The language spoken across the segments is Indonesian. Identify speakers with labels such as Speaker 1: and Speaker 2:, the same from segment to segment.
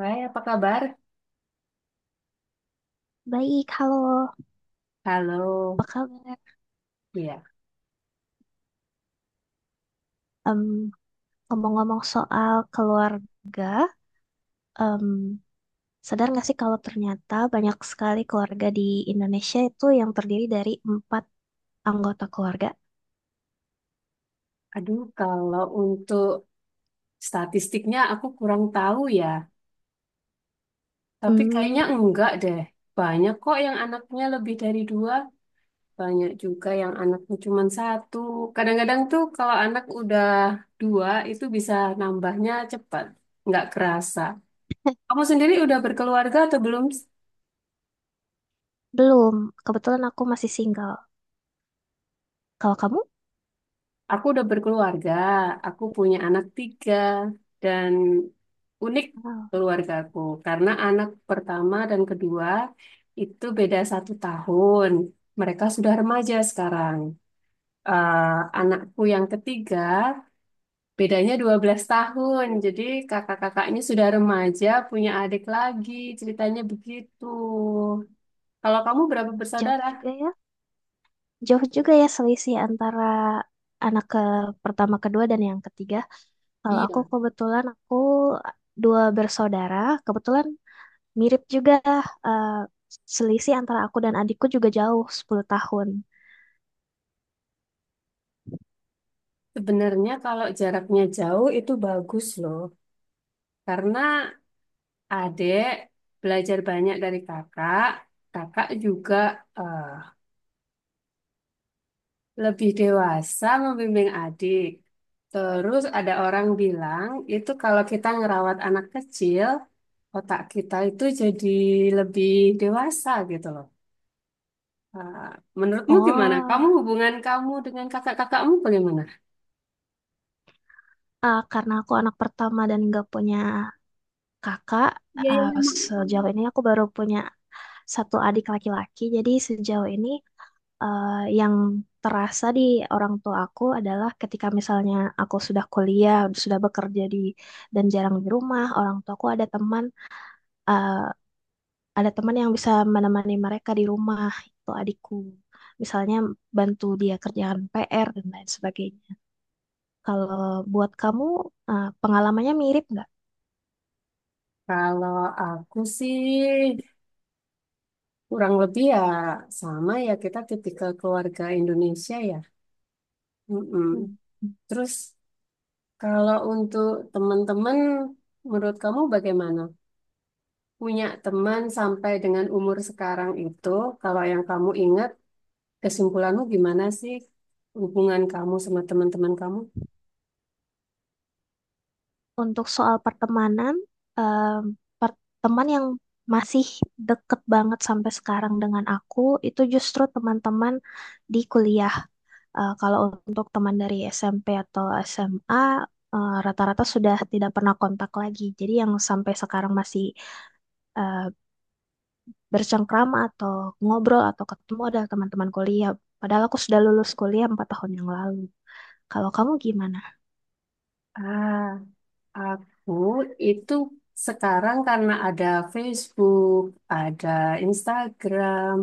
Speaker 1: Hai, apa kabar?
Speaker 2: Baik, halo.
Speaker 1: Halo.
Speaker 2: Apa kabar?
Speaker 1: Ya,
Speaker 2: Em, Ngomong-ngomong soal keluarga, em, sadar nggak sih kalau ternyata banyak sekali keluarga di Indonesia itu yang terdiri dari empat anggota keluarga?
Speaker 1: aduh kalau untuk statistiknya aku kurang tahu ya. Tapi
Speaker 2: Hmm,
Speaker 1: kayaknya enggak deh. Banyak kok yang anaknya lebih dari dua. Banyak juga yang anaknya cuma satu. Kadang-kadang tuh kalau anak udah dua itu bisa nambahnya cepat. Nggak kerasa. Kamu sendiri udah berkeluarga atau belum?
Speaker 2: belum. Kebetulan aku masih single. Kalau kamu?
Speaker 1: Aku udah berkeluarga, aku punya anak tiga, dan unik
Speaker 2: Wow,
Speaker 1: keluargaku karena anak pertama dan kedua itu beda satu tahun. Mereka sudah remaja sekarang. Eh, Anakku yang ketiga bedanya 12 tahun, jadi kakak-kakaknya sudah remaja, punya adik lagi, ceritanya begitu. Kalau kamu berapa
Speaker 2: jauh
Speaker 1: bersaudara?
Speaker 2: juga ya. Jauh juga ya selisih antara anak ke pertama, kedua, dan yang ketiga. Kalau aku
Speaker 1: Iya,
Speaker 2: kebetulan aku dua bersaudara. Kebetulan mirip juga, eh, selisih antara aku dan adikku juga jauh 10 tahun.
Speaker 1: sebenarnya kalau jaraknya jauh itu bagus loh, karena adik belajar banyak dari kakak. Kakak juga eh, lebih dewasa membimbing adik. Terus ada orang bilang, itu kalau kita ngerawat anak kecil, otak kita itu jadi lebih dewasa gitu loh. Eh, Menurutmu gimana? Kamu
Speaker 2: Oh,
Speaker 1: hubungan kamu dengan kakak-kakakmu bagaimana?
Speaker 2: karena aku anak pertama dan nggak punya kakak,
Speaker 1: Iya, iya,
Speaker 2: eh,
Speaker 1: iya, Mak.
Speaker 2: sejauh ini aku baru punya satu adik laki-laki. Jadi sejauh ini, eh, yang terasa di orang tua aku adalah ketika misalnya aku sudah kuliah, sudah bekerja di dan jarang di rumah, orang tuaku ada teman, eh, ada teman yang bisa menemani mereka di rumah itu adikku, misalnya bantu dia kerjaan PR dan lain sebagainya. Kalau buat kamu, pengalamannya mirip nggak?
Speaker 1: Kalau aku sih kurang lebih ya sama ya kita tipikal keluarga Indonesia ya. Mm-mm.
Speaker 2: Hmm.
Speaker 1: Terus kalau untuk teman-teman, menurut kamu bagaimana? Punya teman sampai dengan umur sekarang itu, kalau yang kamu ingat, kesimpulanmu gimana sih hubungan kamu sama teman-teman kamu?
Speaker 2: Untuk soal pertemanan, eh, teman yang masih deket banget sampai sekarang dengan aku itu justru teman-teman di kuliah. Kalau untuk teman dari SMP atau SMA, rata-rata sudah tidak pernah kontak lagi. Jadi yang sampai sekarang masih eh, bercengkrama atau ngobrol atau ketemu ada teman-teman kuliah. Padahal aku sudah lulus kuliah 4 tahun yang lalu. Kalau kamu gimana?
Speaker 1: Ah, aku itu sekarang karena ada Facebook, ada Instagram,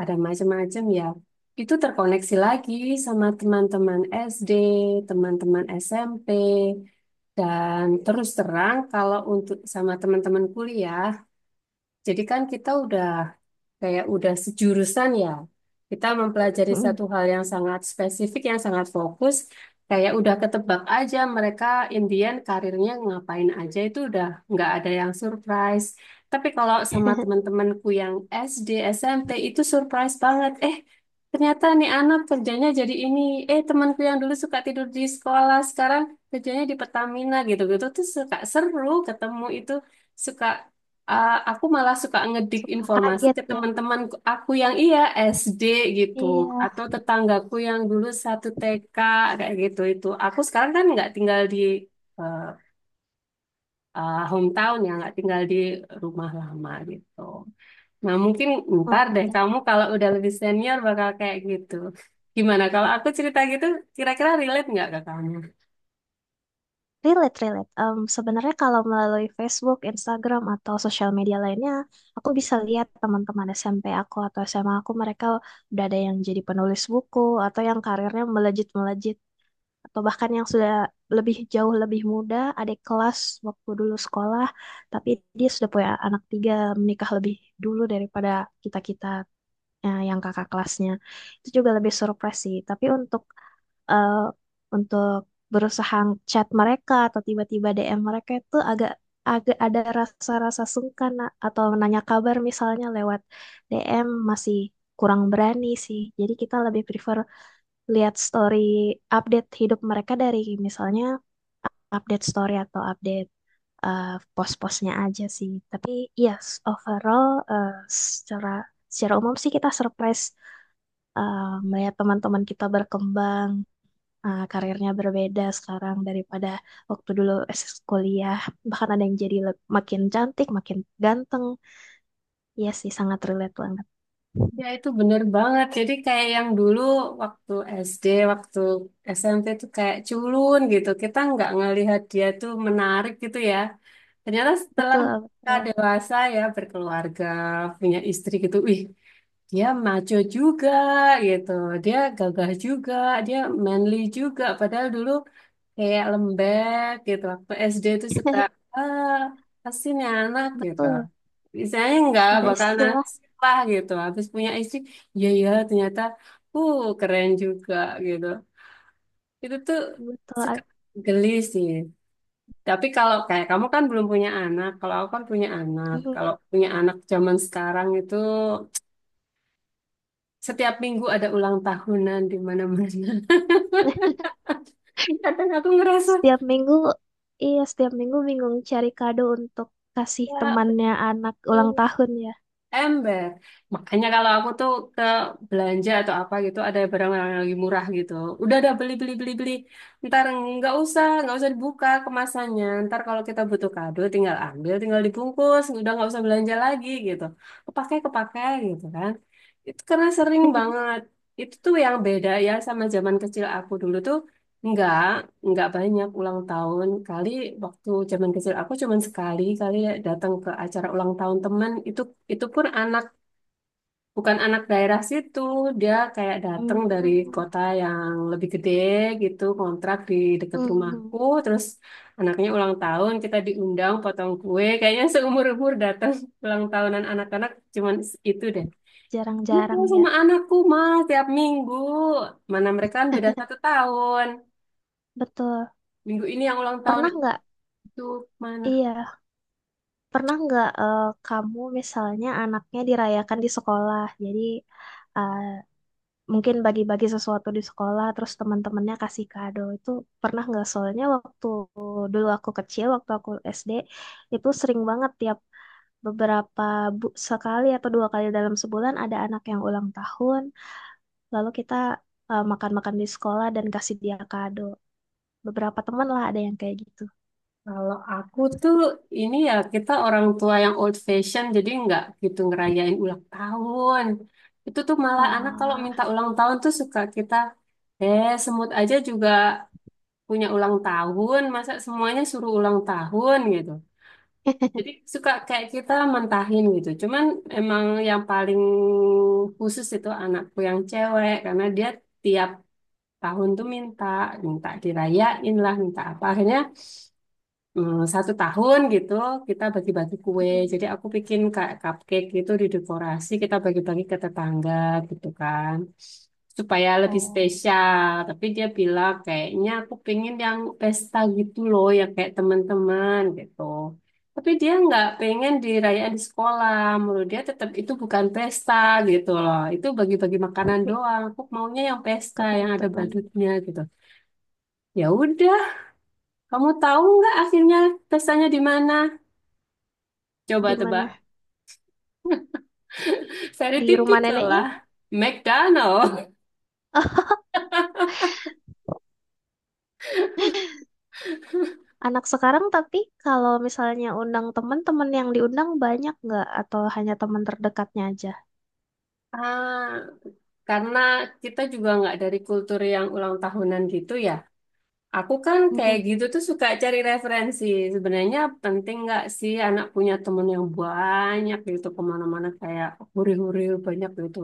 Speaker 1: ada macam-macam ya. Itu terkoneksi lagi sama teman-teman SD, teman-teman SMP, dan terus terang kalau untuk sama teman-teman kuliah, jadi kan kita udah kayak udah sejurusan ya, kita mempelajari satu hal yang sangat spesifik, yang sangat fokus, kayak udah ketebak aja mereka Indian karirnya ngapain aja itu udah nggak ada yang surprise. Tapi kalau sama teman-temanku yang SD, SMP itu surprise banget. Ternyata nih anak kerjanya jadi ini. Temanku yang dulu suka tidur di sekolah, sekarang kerjanya di Pertamina gitu-gitu tuh suka seru ketemu itu, suka. Ah, aku malah suka ngedik
Speaker 2: Suka
Speaker 1: informasi
Speaker 2: kaget
Speaker 1: ke
Speaker 2: ya?
Speaker 1: teman-teman aku yang iya SD gitu
Speaker 2: Iya,
Speaker 1: atau tetanggaku yang dulu satu TK kayak gitu, itu aku sekarang kan nggak tinggal di eh, hometown ya, nggak tinggal di rumah lama gitu. Nah, mungkin ntar deh
Speaker 2: oke.
Speaker 1: kamu kalau udah lebih senior bakal kayak gitu. Gimana kalau aku cerita gitu, kira-kira relate nggak ke kamu?
Speaker 2: Relate, relate. Sebenarnya kalau melalui Facebook, Instagram, atau sosial media lainnya, aku bisa lihat teman-teman SMP aku atau SMA aku, mereka udah ada yang jadi penulis buku, atau yang karirnya melejit-melejit. Atau bahkan yang sudah lebih jauh lebih muda, adik kelas waktu dulu sekolah, tapi dia sudah punya anak tiga, menikah lebih dulu daripada kita-kita, yang kakak kelasnya. Itu juga lebih surprise sih. Tapi untuk eh, untuk berusaha chat mereka atau tiba-tiba DM mereka itu agak agak ada rasa-rasa sungkan Nak. Atau menanya kabar misalnya lewat DM masih kurang berani sih. Jadi kita lebih prefer lihat story update hidup mereka dari misalnya update story atau update, eh, post-postnya aja sih. Tapi yes, overall, eh, secara secara umum sih kita surprise, eh, melihat teman-teman kita berkembang, karirnya berbeda sekarang daripada waktu dulu SS kuliah. Bahkan ada yang jadi makin cantik, makin ganteng. Iya sih, sangat relate banget.
Speaker 1: Ya itu bener banget. Jadi kayak yang dulu waktu SD, waktu SMP itu kayak culun gitu. Kita nggak ngelihat dia tuh menarik gitu ya. Ternyata setelah
Speaker 2: Betul,
Speaker 1: kita
Speaker 2: betul.
Speaker 1: dewasa ya berkeluarga, punya istri gitu, wih dia maco juga gitu. Dia gagah juga, dia manly juga. Padahal dulu kayak lembek gitu. Waktu SD itu suka ah pasti nih anak gitu.
Speaker 2: Betul.
Speaker 1: Misalnya nggak
Speaker 2: Ada
Speaker 1: bakal
Speaker 2: istilah
Speaker 1: nasib lah gitu. Habis punya istri, ya ya ternyata keren juga gitu. Itu tuh
Speaker 2: betul.
Speaker 1: suka geli sih. Tapi kalau kayak kamu kan belum punya anak, kalau aku kan punya anak.
Speaker 2: Mhm.
Speaker 1: Kalau punya anak zaman sekarang itu setiap minggu ada ulang tahunan di mana-mana. Kadang aku ngerasa
Speaker 2: Setiap minggu, iya setiap minggu bingung cari kado untuk kasih
Speaker 1: ya
Speaker 2: temannya anak ulang
Speaker 1: betul.
Speaker 2: tahun ya.
Speaker 1: Ember. Makanya kalau aku tuh ke belanja atau apa gitu, ada barang-barang yang lagi murah gitu. Udah ada beli, beli, beli, beli. Ntar nggak usah dibuka kemasannya. Ntar kalau kita butuh kado, tinggal ambil, tinggal dibungkus. Udah nggak usah belanja lagi gitu. Kepakai, kepakai gitu kan. Itu karena sering banget. Itu tuh yang beda ya sama zaman kecil aku dulu tuh. Enggak nggak banyak ulang tahun kali, waktu zaman kecil aku cuman sekali kali ya datang ke acara ulang tahun teman itu pun anak, bukan anak daerah situ, dia kayak datang dari
Speaker 2: Hmm,
Speaker 1: kota yang lebih gede gitu, kontrak di dekat
Speaker 2: hmm,
Speaker 1: rumahku. Terus anaknya ulang tahun, kita diundang potong kue, kayaknya seumur-umur datang ulang tahunan anak-anak cuman itu deh. Ini tuh
Speaker 2: jarang-jarang ya.
Speaker 1: sama anakku mah tiap minggu, mana mereka kan beda satu tahun,
Speaker 2: Betul.
Speaker 1: minggu ini yang ulang tahun
Speaker 2: Pernah nggak?
Speaker 1: itu mana.
Speaker 2: Iya. Pernah nggak, kamu misalnya anaknya dirayakan di sekolah, jadi eh, mungkin bagi-bagi sesuatu di sekolah, terus teman-temannya kasih kado itu pernah nggak? Soalnya waktu dulu aku kecil, waktu aku SD itu sering banget tiap beberapa sekali atau dua kali dalam sebulan ada anak yang ulang tahun, lalu kita makan-makan di sekolah dan kasih dia kado. Beberapa teman lah ada yang kayak gitu.
Speaker 1: Kalau aku tuh ini ya, kita orang tua yang old fashion jadi nggak gitu ngerayain ulang tahun. Itu tuh malah anak kalau
Speaker 2: Oh,
Speaker 1: minta ulang tahun tuh suka kita semut aja juga punya ulang tahun, masa semuanya suruh ulang tahun gitu. Jadi suka kayak kita mentahin gitu. Cuman emang yang paling khusus itu anakku yang cewek karena dia tiap tahun tuh minta, minta dirayain lah, minta apa. Akhirnya satu tahun gitu kita bagi-bagi kue. Jadi aku bikin kayak cupcake gitu di dekorasi kita bagi-bagi ke tetangga gitu kan. Supaya lebih
Speaker 2: oh,
Speaker 1: spesial. Tapi dia bilang kayaknya aku pengen yang pesta gitu loh yang kayak teman-teman gitu. Tapi dia nggak pengen dirayain di sekolah. Menurut dia tetap itu bukan pesta gitu loh. Itu bagi-bagi makanan
Speaker 2: ini
Speaker 1: doang. Aku maunya yang pesta
Speaker 2: ke
Speaker 1: yang ada
Speaker 2: teman-teman
Speaker 1: badutnya gitu. Ya udah, kamu tahu nggak akhirnya pestanya di mana?
Speaker 2: di
Speaker 1: Coba tebak.
Speaker 2: mana?
Speaker 1: Saya
Speaker 2: Di rumah
Speaker 1: tipikal
Speaker 2: neneknya?
Speaker 1: lah. McDonald.
Speaker 2: Ah, anak sekarang tapi kalau misalnya undang teman-teman yang diundang banyak nggak atau hanya teman terdekatnya aja?
Speaker 1: Ah, karena kita juga nggak dari kultur yang ulang tahunan gitu ya. Aku kan kayak
Speaker 2: Mhm.
Speaker 1: gitu tuh suka cari referensi. Sebenarnya penting nggak sih anak punya temen yang banyak gitu kemana-mana kayak huri-huri banyak gitu.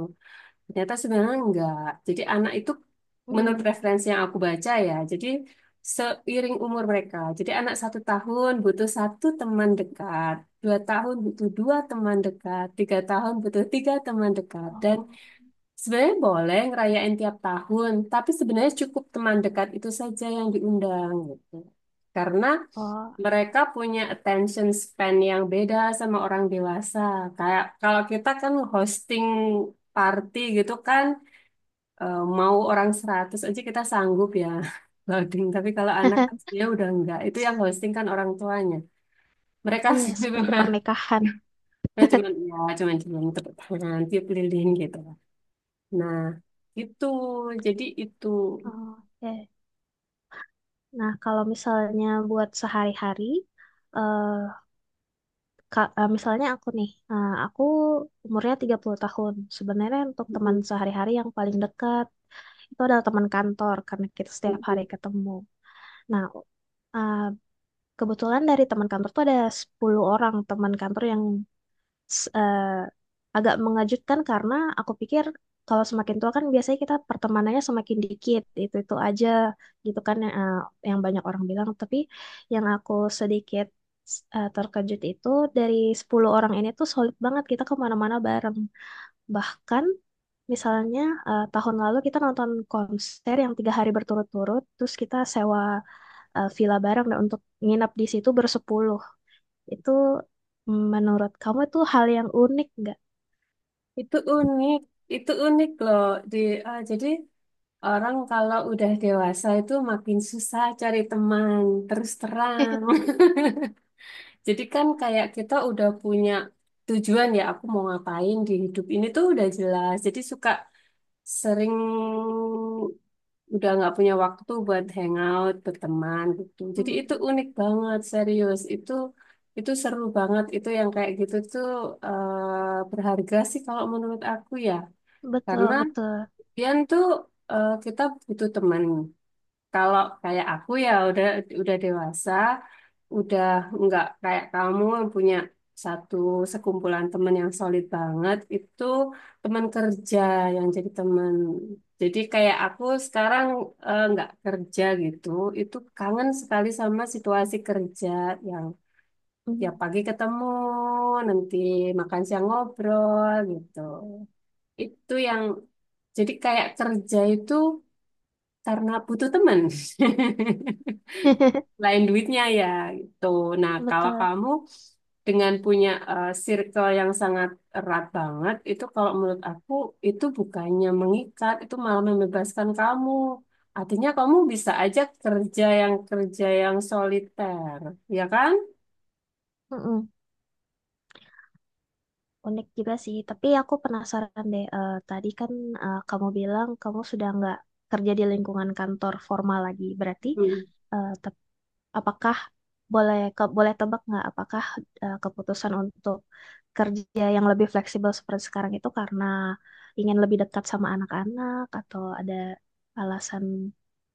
Speaker 1: Ternyata sebenarnya enggak. Jadi anak itu menurut
Speaker 2: Mhm.
Speaker 1: referensi yang aku baca ya, jadi seiring umur mereka. Jadi anak satu tahun butuh satu teman dekat, dua tahun butuh dua teman dekat, tiga tahun butuh tiga teman dekat. Dan
Speaker 2: Oh,
Speaker 1: sebenarnya boleh ngerayain tiap tahun, tapi sebenarnya cukup teman dekat itu saja yang diundang gitu. Karena
Speaker 2: oh.
Speaker 1: mereka punya attention span yang beda sama orang dewasa. Kayak kalau kita kan hosting party gitu kan, mau orang 100 aja kita sanggup ya loading. Tapi kalau anak kan dia udah enggak. Itu yang hosting kan orang tuanya. Mereka
Speaker 2: Iya,
Speaker 1: sih
Speaker 2: seperti
Speaker 1: memang,
Speaker 2: pernikahan.
Speaker 1: ya cuman cuman tepuk tangan, tiup lilin gitu. Nah, itu jadi itu
Speaker 2: Oh, oke. Nah, kalau misalnya buat sehari-hari, eh, misalnya aku nih, aku umurnya 30 tahun. Sebenarnya untuk teman sehari-hari yang paling dekat itu adalah teman kantor karena kita setiap hari ketemu. Nah, eh, kebetulan dari teman kantor tuh ada 10 orang teman kantor yang s- eh, agak mengejutkan karena aku pikir kalau semakin tua kan biasanya kita pertemanannya semakin dikit itu aja gitu kan yang, yang banyak orang bilang tapi yang aku sedikit terkejut itu dari 10 orang ini tuh solid banget kita kemana-mana bareng bahkan misalnya, tahun lalu kita nonton konser yang 3 hari berturut-turut terus kita sewa, villa bareng dan untuk nginap di situ bersepuluh. Itu menurut kamu itu hal yang unik nggak?
Speaker 1: itu unik. Itu unik loh. Di jadi orang kalau udah dewasa itu makin susah cari teman terus terang. Jadi kan kayak kita udah punya tujuan ya, aku mau ngapain di hidup ini tuh udah jelas. Jadi suka sering udah nggak punya waktu buat hangout, berteman gitu. Jadi itu
Speaker 2: Hmm,
Speaker 1: unik banget, serius. Itu seru banget. Itu yang kayak gitu tuh berharga sih kalau menurut aku ya.
Speaker 2: betul
Speaker 1: Karena
Speaker 2: betul.
Speaker 1: Pian tuh kita butuh teman. Kalau kayak aku ya udah dewasa, udah nggak kayak kamu yang punya satu sekumpulan teman yang solid banget itu, teman kerja yang jadi teman, jadi kayak aku sekarang nggak kerja gitu, itu kangen sekali sama situasi kerja yang ya
Speaker 2: Hmm.
Speaker 1: pagi ketemu, nanti makan siang ngobrol gitu. Itu yang jadi kayak kerja itu karena butuh teman lain duitnya ya gitu. Nah, kalau
Speaker 2: Betul.
Speaker 1: kamu dengan punya circle yang sangat erat banget, itu kalau menurut aku itu bukannya mengikat, itu malah membebaskan kamu. Artinya kamu bisa aja kerja yang soliter, ya kan?
Speaker 2: Mm-mm. Unik juga sih. Tapi aku penasaran deh. Tadi kan, kamu bilang kamu sudah nggak kerja di lingkungan kantor formal lagi. Berarti,
Speaker 1: Hmm.
Speaker 2: eh, tep- apakah boleh tebak nggak? Apakah, keputusan untuk kerja yang lebih fleksibel seperti sekarang itu karena ingin lebih dekat sama anak-anak atau ada alasan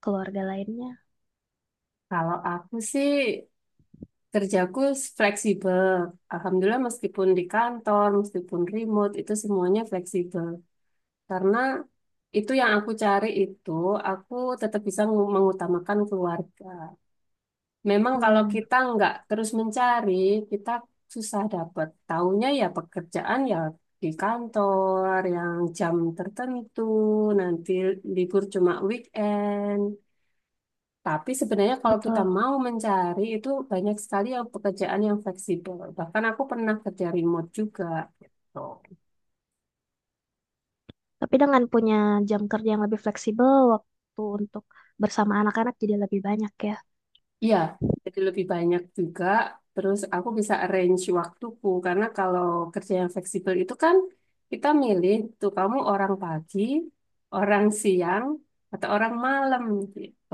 Speaker 2: keluarga lainnya.
Speaker 1: Kalau aku sih kerjaku fleksibel. Alhamdulillah meskipun di kantor, meskipun remote, itu semuanya fleksibel. Karena itu yang aku cari itu, aku tetap bisa mengutamakan keluarga. Memang kalau
Speaker 2: Hmm,
Speaker 1: kita nggak terus mencari, kita susah dapat. Taunya ya pekerjaan ya di kantor, yang jam tertentu, nanti libur cuma weekend. Tapi sebenarnya kalau kita
Speaker 2: betul.
Speaker 1: mau mencari itu banyak sekali yang pekerjaan yang fleksibel. Bahkan aku pernah kerja remote juga gitu.
Speaker 2: Tapi dengan punya jam kerja yang lebih fleksibel, waktu untuk bersama anak-anak jadi lebih banyak ya.
Speaker 1: Iya, jadi lebih banyak juga. Terus aku bisa arrange waktuku karena kalau kerja yang fleksibel itu kan kita milih tuh kamu orang pagi, orang siang, atau orang malam gitu.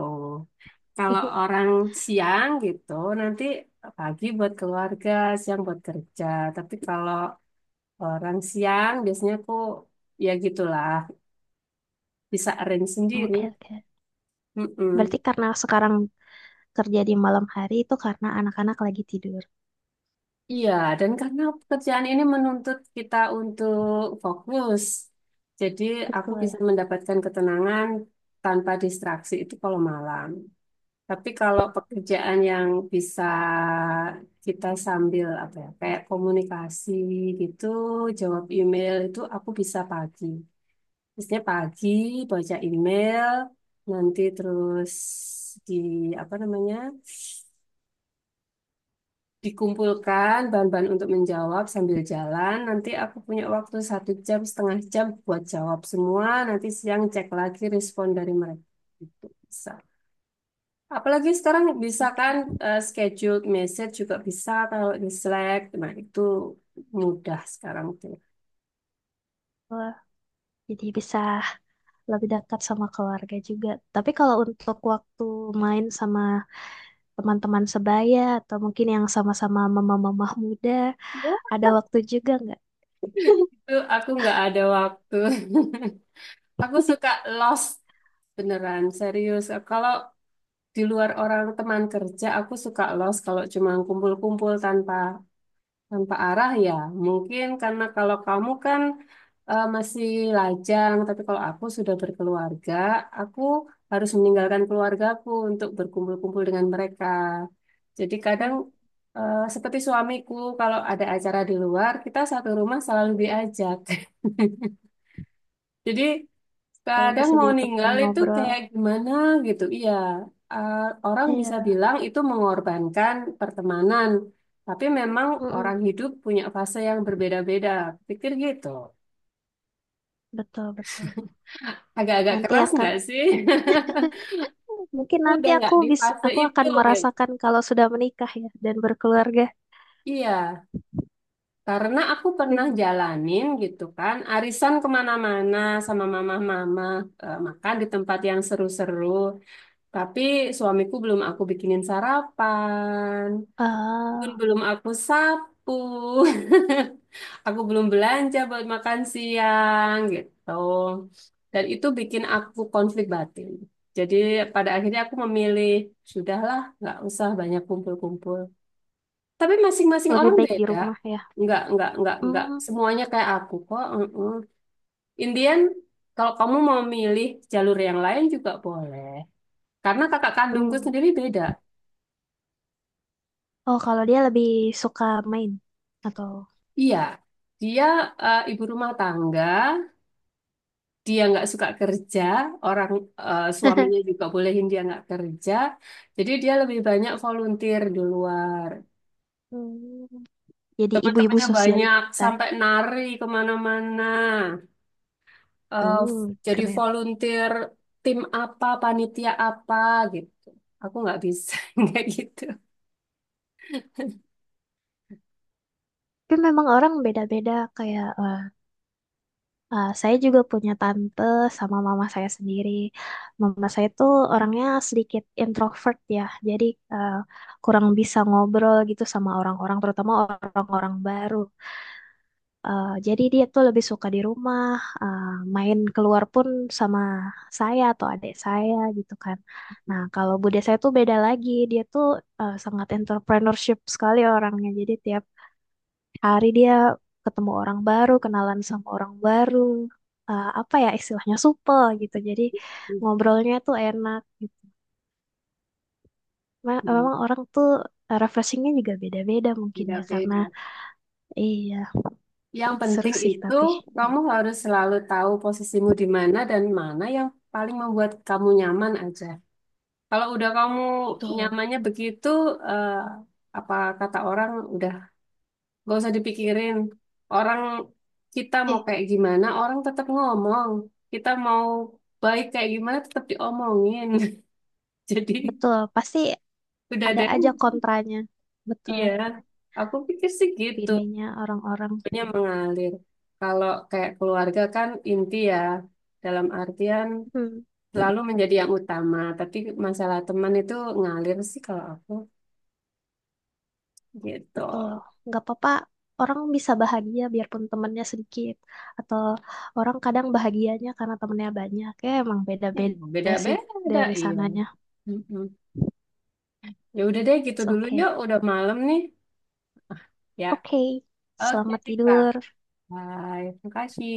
Speaker 1: Kalau orang siang gitu nanti pagi buat keluarga, siang buat kerja. Tapi kalau orang siang biasanya aku ya gitulah bisa arrange sendiri.
Speaker 2: Oke, oke. Berarti
Speaker 1: Mm-mm.
Speaker 2: karena sekarang kerja di malam hari itu karena anak-anak lagi tidur.
Speaker 1: Iya, dan karena pekerjaan ini menuntut kita untuk fokus, jadi aku
Speaker 2: Betul.
Speaker 1: bisa mendapatkan ketenangan tanpa distraksi itu kalau malam. Tapi kalau pekerjaan yang bisa kita sambil apa ya, kayak komunikasi gitu, jawab email itu aku bisa pagi. Biasanya pagi baca email, nanti terus di apa namanya, dikumpulkan bahan-bahan untuk menjawab sambil jalan. Nanti aku punya waktu 1 jam, setengah jam buat jawab semua. Nanti siang cek lagi respon dari mereka. Itu bisa. Apalagi sekarang bisa kan,
Speaker 2: Oke.
Speaker 1: scheduled message juga bisa kalau di Slack. Nah, itu mudah sekarang tuh.
Speaker 2: Wah, jadi bisa lebih dekat sama keluarga juga. Tapi kalau untuk waktu main sama teman-teman sebaya atau mungkin yang sama-sama mama-mama muda
Speaker 1: Ya.
Speaker 2: ada waktu juga nggak?
Speaker 1: Itu aku nggak ada waktu. Aku suka lost beneran serius. Kalau di luar orang teman kerja, aku suka lost kalau cuma kumpul-kumpul tanpa Tanpa arah ya, mungkin karena kalau kamu kan masih lajang, tapi kalau aku sudah berkeluarga, aku harus meninggalkan keluargaku untuk berkumpul-kumpul dengan mereka. Jadi kadang
Speaker 2: Hmm,
Speaker 1: seperti suamiku, kalau ada acara di luar, kita satu rumah selalu diajak. Jadi
Speaker 2: supaya
Speaker 1: kadang
Speaker 2: bisa
Speaker 1: mau
Speaker 2: jadi teman
Speaker 1: ninggal itu
Speaker 2: ngobrol
Speaker 1: kayak gimana gitu. Iya, eh, orang bisa
Speaker 2: iya.
Speaker 1: bilang itu mengorbankan pertemanan, tapi memang orang
Speaker 2: Mm-mm.
Speaker 1: hidup punya fase yang berbeda-beda. Pikir gitu.
Speaker 2: Betul betul.
Speaker 1: Agak-agak
Speaker 2: Nanti
Speaker 1: keras
Speaker 2: akan
Speaker 1: nggak sih?
Speaker 2: mungkin
Speaker 1: Aku
Speaker 2: nanti
Speaker 1: udah nggak di fase
Speaker 2: aku
Speaker 1: itu
Speaker 2: akan
Speaker 1: gitu.
Speaker 2: merasakan kalau sudah menikah ya dan berkeluarga.
Speaker 1: Iya, karena aku pernah jalanin gitu kan, arisan kemana-mana sama mama-mama, makan di tempat yang seru-seru, tapi suamiku belum aku bikinin sarapan. Bun,
Speaker 2: Ah,
Speaker 1: belum aku sapu. Aku belum belanja buat makan siang gitu. Dan itu bikin aku konflik batin. Jadi pada akhirnya aku memilih, sudahlah, nggak usah banyak kumpul-kumpul. Tapi masing-masing
Speaker 2: lebih
Speaker 1: orang
Speaker 2: baik di
Speaker 1: beda.
Speaker 2: rumah ya.
Speaker 1: Nggak, nggak.
Speaker 2: Hmm,
Speaker 1: Semuanya kayak aku kok. Indian, kalau kamu mau milih jalur yang lain juga boleh. Karena kakak kandungku
Speaker 2: hmm.
Speaker 1: sendiri beda.
Speaker 2: Oh kalau dia lebih suka main atau
Speaker 1: Iya, dia ibu rumah tangga. Dia nggak suka kerja, orang suaminya juga bolehin dia nggak kerja, jadi dia lebih banyak volunteer di luar.
Speaker 2: hmm, jadi ibu-ibu
Speaker 1: Teman-temannya banyak,
Speaker 2: sosialita.
Speaker 1: sampai nari kemana-mana,
Speaker 2: Uh,
Speaker 1: jadi
Speaker 2: keren.
Speaker 1: volunteer tim apa, panitia apa gitu. Aku nggak bisa kayak gitu.
Speaker 2: Tapi memang orang beda-beda kayak, saya juga punya tante sama mama saya sendiri. Mama saya tuh orangnya sedikit introvert ya, jadi eh, kurang bisa ngobrol gitu sama orang-orang, terutama orang-orang baru. Jadi dia tuh lebih suka di rumah, eh, main keluar pun sama saya atau adik saya gitu kan. Nah, kalau bude saya tuh beda lagi, dia tuh sangat entrepreneurship sekali orangnya. Jadi tiap hari dia ketemu orang baru, kenalan sama orang baru, apa ya istilahnya supel gitu. Jadi ngobrolnya tuh enak gitu.
Speaker 1: Hmm,
Speaker 2: Memang orang tuh, refreshingnya juga beda-beda mungkin ya karena
Speaker 1: beda-beda.
Speaker 2: iya
Speaker 1: Yang
Speaker 2: seru
Speaker 1: penting
Speaker 2: sih
Speaker 1: itu
Speaker 2: tapi
Speaker 1: kamu harus selalu tahu posisimu di mana dan mana yang paling membuat kamu nyaman aja. Kalau udah kamu
Speaker 2: betul.
Speaker 1: nyamannya begitu, eh, apa kata orang udah gak usah dipikirin. Orang kita mau
Speaker 2: Eh,
Speaker 1: kayak gimana, orang tetap ngomong. Kita mau baik kayak gimana tetap diomongin. Jadi
Speaker 2: Betul pasti
Speaker 1: udah
Speaker 2: ada
Speaker 1: deh,
Speaker 2: aja kontranya betul
Speaker 1: iya. Aku pikir sih gitu,
Speaker 2: opininya orang-orang.
Speaker 1: punya mengalir. Kalau kayak keluarga kan inti ya, dalam artian
Speaker 2: Hmm.
Speaker 1: selalu menjadi yang utama. Tapi masalah teman itu ngalir sih kalau aku gitu.
Speaker 2: Betul. Nggak apa-apa, orang bisa bahagia biarpun temennya sedikit. Atau orang kadang bahagianya karena temennya banyak. Ya emang
Speaker 1: Eh,
Speaker 2: beda-beda sih
Speaker 1: Beda-beda,
Speaker 2: dari
Speaker 1: iya.
Speaker 2: sananya.
Speaker 1: Mm-mm. Ya udah deh gitu
Speaker 2: It's
Speaker 1: dulu ya,
Speaker 2: okay.
Speaker 1: udah malam nih. Ya,
Speaker 2: Oke,
Speaker 1: oke
Speaker 2: selamat
Speaker 1: Rika.
Speaker 2: tidur.
Speaker 1: Bye, terima kasih.